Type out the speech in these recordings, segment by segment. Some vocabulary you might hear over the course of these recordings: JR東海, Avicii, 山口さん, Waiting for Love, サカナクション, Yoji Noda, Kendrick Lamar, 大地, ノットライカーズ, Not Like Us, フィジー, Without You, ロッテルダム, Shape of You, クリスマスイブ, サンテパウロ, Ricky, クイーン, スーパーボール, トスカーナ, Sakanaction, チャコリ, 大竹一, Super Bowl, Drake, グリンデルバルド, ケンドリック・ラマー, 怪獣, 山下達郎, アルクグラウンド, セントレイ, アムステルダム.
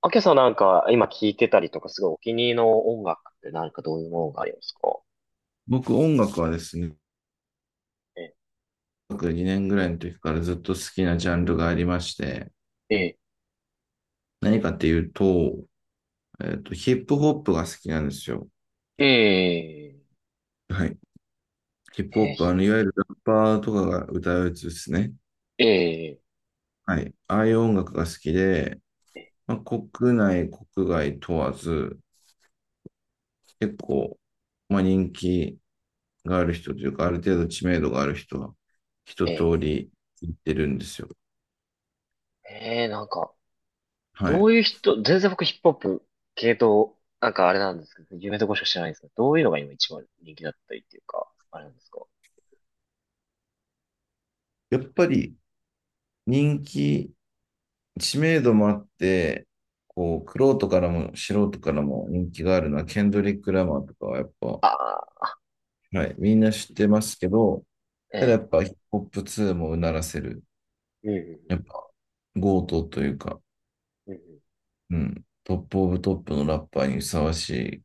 あけさん、なんか今聴いてたりとか、すごいお気に入りの音楽ってなんかどういうものがありますか？僕、音楽はですね、え、2年ぐらいの時からずっと好きなジャンルがありまして、え、何かっていうと、ヒップホップが好きなんですよ。え、え、はい。ヒップホえ、ップ、いわゆるラッパーとかが歌うやつですね。え、え、はい。ああいう音楽が好きで、国内、国外問わず、結構、人気がある人というか、ある程度知名度がある人は一通え、り聞いてるんですよ。え、え、なんか、はどい。ういう人、全然僕ヒップホップ系統、なんかあれなんですけど、有名どころしか知らないんですけど、どういうのが今一番人気だったりっていうか、あれなんですか？やっぱり人気知名度もあって、こう、くろからも素人からも人気があるのは、ケンドリック・ラマーとかはやっぱ、ああ、はい、みんな知ってますけど、えただやえ、っぱヒップホップ2もうならせる、うん、やっぱ強盗というか、うん、うん、トップオブトップのラッパーにふさわしい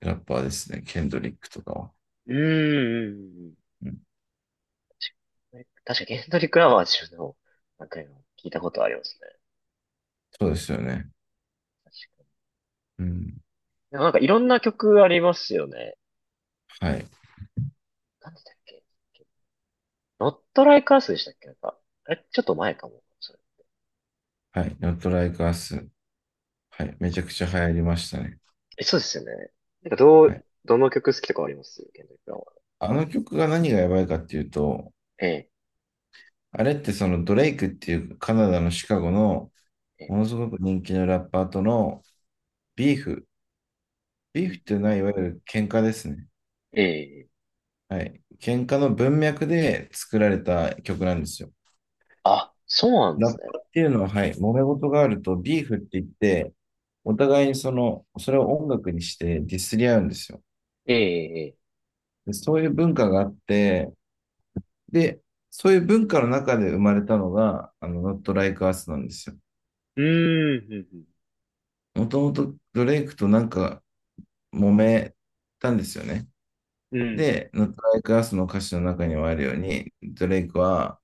ラッパーですね、ケンドリックとかは。うんうん、うん、うん、うん、うん、確かに、ケンドリック・ラマー自分でも、なんか今聞いたことありますね。そうですよね。うん、でもなんかいろんな曲ありますよね。はい、なんでだっけ、ノットライカースでしたっけ、なんか、あれ、ちょっと前かも、それ。はい、Not Like Us。はい、めちゃくちゃ流行りましたね。え、そうですよね。なんかどはう、い、どの曲好きとかありますケンドリック・ラマー？あの曲が何がやばいかっていうと、ええ、あれってそのドレイクっていうカナダのシカゴのええ、ものすごく人気のラッパーとのビーフ。ビーうフん。っていうのはいわゆる喧嘩ですね。ええ、はい。喧嘩の文脈で作られた曲なんですよ。あ、そうなんでラッすパね。ーっていうのは、はい、揉め事があるとビーフって言って、お互いにその、それを音楽にしてディスり合うんですよ。ええ、ええ、で、そういう文化があって、で、そういう文化の中で生まれたのが、Not Like Us なんですよ。うーん、もともとドレイクとなんか揉めたんですよね。うん、うん、で、Not Like Us の歌詞の中にもあるように、ドレイクは、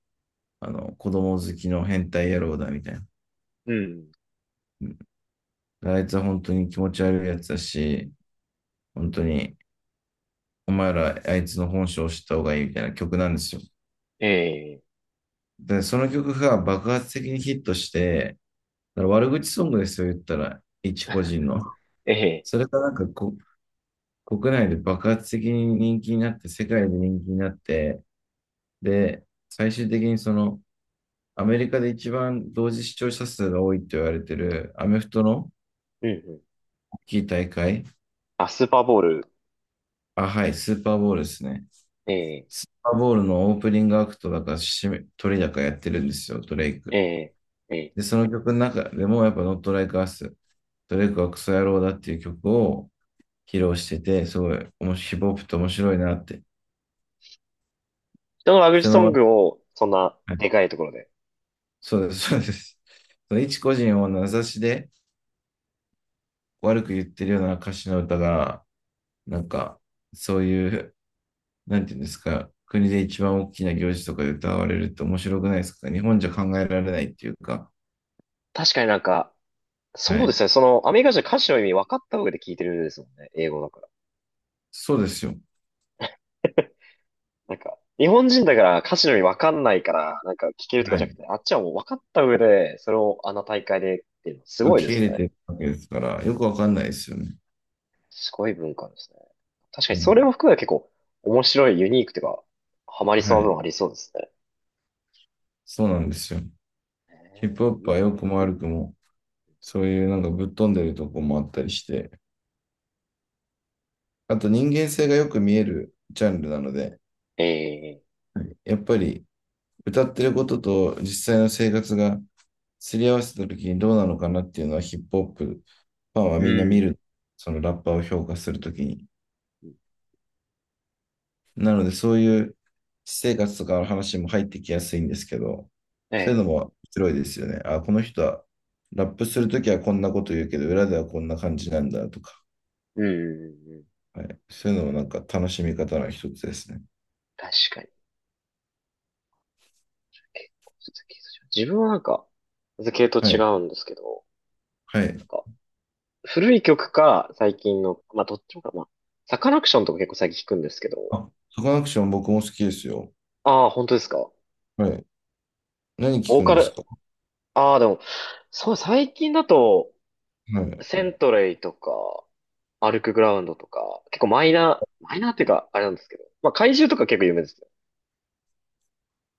子供好きの変態野郎だみたいうんうん。な。あいつは本当に気持ち悪いやつだし、本当に、お前らあいつの本性を知った方がいいみたいな曲なんですよ。ええ、で、その曲が爆発的にヒットして、だから悪口ソングですよ、言ったら、一個人の。ええ、それがなんかこ、国内で爆発的に人気になって、世界で人気になって、で、最終的にその、アメリカで一番同時視聴者数が多いと言われているアメフトのうん、うん。大きい大会。あ、スーパーボール。あ、はい、スーパーボールですね。ええ、スーパーボールのオープニングアクトだから締め、鳥だからやってるんですよ、ドレイえク。え、ええ。で、その曲の中でもやっぱ Not Like Us、ドレイクはクソ野郎だっていう曲を披露してて、すごい、ヒップホップって面白いなって。人のラブ人ソのン悪、グを、そんな、はいでかいところで。そうです、そうです。その一個人を名指しで悪く言ってるような歌詞の歌が、なんか、そういうなんていうんですか、国で一番大きな行事とかで歌われるって面白くないですか？日本じゃ考えられないっていうか、確かになんか、はそうでい。すね。その、アメリカ人は歌詞の意味分かった上で聞いてるですもんね。英語だから。そうですよ。なんか、日本人だから歌詞の意味分かんないから、なんか聞けるとかはじゃい。なくて、あっちはもう分かった上で、それをあの大会でっていうのはすごい受でけ入すね。れてるわけですから、よくわかんないですよね。すごい文化ですね。確かうにそれん。も含めて結構面白い、ユニークというか、ハマりそうはな部い。分ありそうですね。そうなんですよ。ヒップホッいプはい。良くも悪くも、そういうなんかぶっ飛んでるとこもあったりして、あと人間性がよく見えるジャンルなので、ええ。やっぱり歌ってることと実際の生活がすり合わせた時にどうなのかなっていうのはヒップホップファンはうみんな見ん。る、そのラッパーを評価するときに。なので、そういう私生活とかの話も入ってきやすいんですけど、えそういうえ、のも面白いですよね。あ、この人はラップするときはこんなこと言うけど、裏ではこんな感じなんだとか、うん、うんうん。はい、そういうのもなんか楽しみ方の一つですね。確かに。結構、ちょっと系統違う、自分はなんか、系統はい、違うんですけど、はい。なんか、古い曲か、最近の、まあ、どっちもか、まあ、サカナクションとか結構最近聞くんですけど、あ、サカナクション僕も好きですよ。ああ、本当ですか。はい。何聞ボーくんカですル、か？ああ、でも、そう、最近だと、はい。セントレイとか、アルクグラウンドとか、結構マイナー、マイナーっていうか、あれなんですけど、まあ、怪獣とか結構有名ですよ。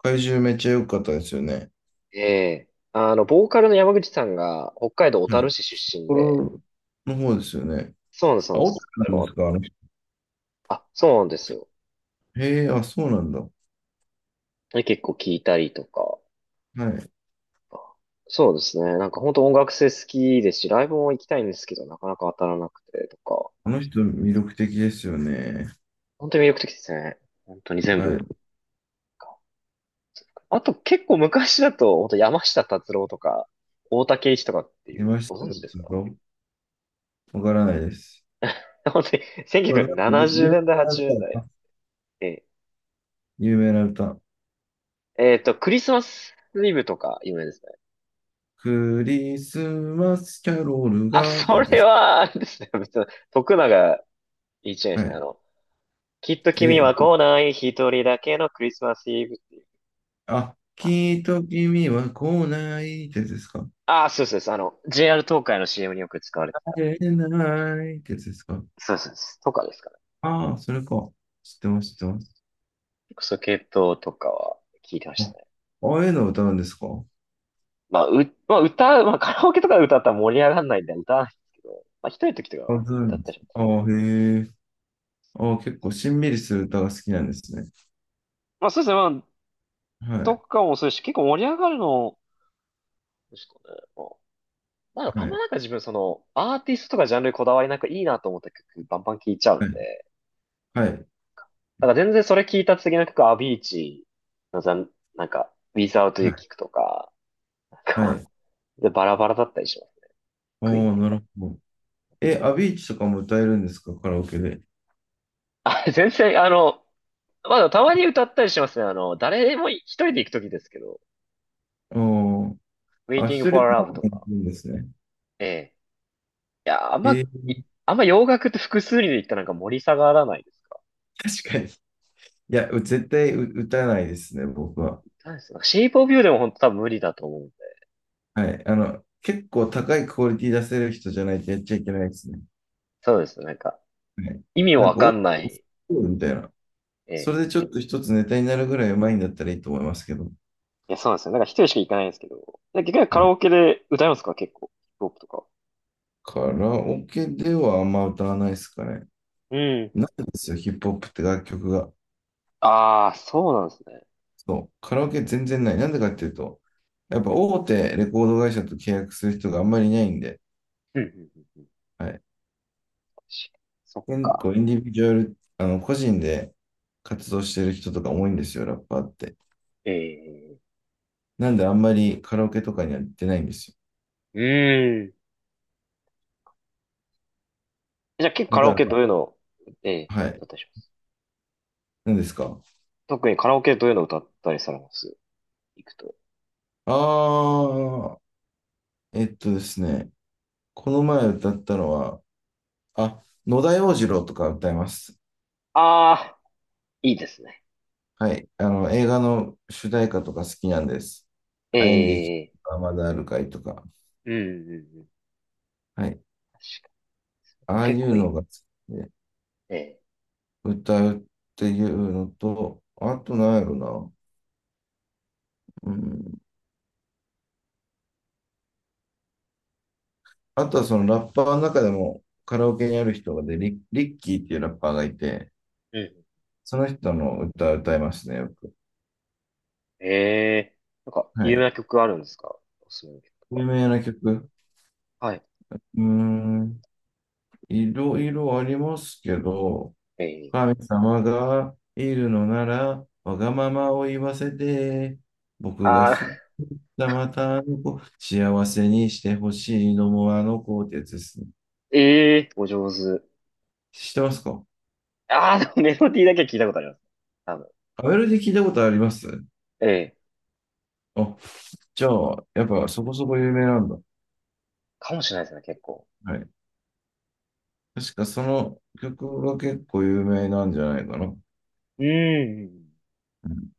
怪獣めっちゃ良かったですよね。ええ、あの、ボーカルの山口さんが、北海道小は樽い。市出身で、これの方ですよね。そうなんです、そうあ、なんでオタす。クなんですかあの人？あ、そうなんですよ。へえ、あ、そうなんだ。で結構聞いたりとか、はい。そうですね。なんか本当音楽性好きですし、ライブも行きたいんですけど、なかなか当たらなくてとか、あの人、魅力的ですよね。本当に魅力的ですね。本当に全は部。い。あと結構昔だと、本当山下達郎とか、大竹一とかっていいう、ましごた存が、知ですか？わからないです。本当にそう1970なんか有年名代、な80年歌代。か、え有名な歌。クリスマスイブとか有名ですね。クリスマスキャロールあ、がってそやつでれす。は、あれですね。別に、徳永いいじゃないではすか。あい。の、きっと君え、は来ない一人だけのクリスマスイブっていう。あ、きっと君は来ないってやつですか？ああ、そうそうです。あの、JR 東海の CM によく使われて会た。えないってやつですか？そうそうです、とかですかね。ああ、それか。知ってます、知ってます。そう、系統とかは聞いてましたあ、ね。ああいうのを歌うんですか？まあ、まあ、歌う、まあ、カラオケとかで歌ったら盛り上がらないんで歌わないんですけど、まあ、一人の時とかはあ、ず歌っん。たりします。ああ、へえ。ああ、結構しんみりする歌が好きなんですね。まあ、そうですね。まあ、はとい。かもそうですし、結構盛り上がるの、ですかね。まあ、あはんまい。なんか自分、その、アーティストとかジャンルにこだわりなくいいなと思った曲、バンバン聴いちゃうんはい、で、はい、なんか全然それ聴いた次の曲、アビーチのざん、なんか、Without は You い、聞くとか、なんはか、い。で、バラバラだったりします、クイーンっおー、て。なるほど。え、アビーチとかも歌えるんですか、カラオケで？あ、全然、あの、まだたまに歌ったりしますね。あの、誰でも一人で行くときですけど、おー、あ、Waiting 一人 for カラ Love オとケもか。いいんですね。ええ。いや、あんえま、ーあんま洋楽って複数人で行ったらなんか盛り下がらないですか？確かに。いや、う絶対う歌えないですね、僕は。何ですか？ Shape of You でも本当多分無理だと思うんで。はい。結構高いクオリティ出せる人じゃないとやっちゃいけないですね。そうですね。なんか、はい。意味なんわか、かお、んない。おみたいな。えそえ。れでちょっと一つネタになるぐらいうまいんだったらいいと思いますけど。いや、そうなんですよ。なんか一人しか行かないんですけど。で結局はカラい。オケで歌いますか、結構。ヒップホップとか。カラオケではあんま歌わないですかね。うん、なういんん。ですよ、ヒップホップって楽曲が。ああ、そうなんですね。そう、カラオケ全然ない。なんでかっていうと、やっぱ大手レコード会社と契約する人があんまりいないんで、うんうん、うんうん。はい。そっ結か。構インディビジュアル、個人で活動してる人とか多いんですよ、ラッパーって。ええ。なんであんまりカラオケとかには行ってないんですうん。じゃあ結構カよ。ラオだかケどうら、いうのを、ええ、はだい。ったりします。何ですか？特にカラオケどういうのを歌ったりされます、行くと。あー、えっとですね、この前歌ったのは、あ、野田洋次郎とか歌います。ああ、いいですね。はい。映画の主題歌とか好きなんです。え愛にできるえ、まだあるかいとか。うんうんうん。はい。確かに。ああ結いう構いい。のが好きで、ええ、歌うっていうのと、あとなんやろな。うん。あとはそのラッパーの中でもカラオケにある人がで、リッキーっていうラッパーがいて、うん。その人の歌歌いますね、よく。ええ、なんか、は有名い。な曲あるんですか、おすすめの曲と有か。名な曲。はい。うーん。いろいろありますけど、ええ、神様がいるのなら、わがままを言わせて、僕がああ、不じゃあまたあの子、幸せにしてほしいのもあの子ってやつですね。ええ、お上手。知ってますか？ああ、でもメロディーだけは聞いたことあります。多分。アベルで聞いたことあります？ええ、あ、じゃあ、やっぱそこそこ有名なんだ。かもしれないですね、結構。はい。確かその曲が結構有名なんじゃないかな。うんうんうん。うん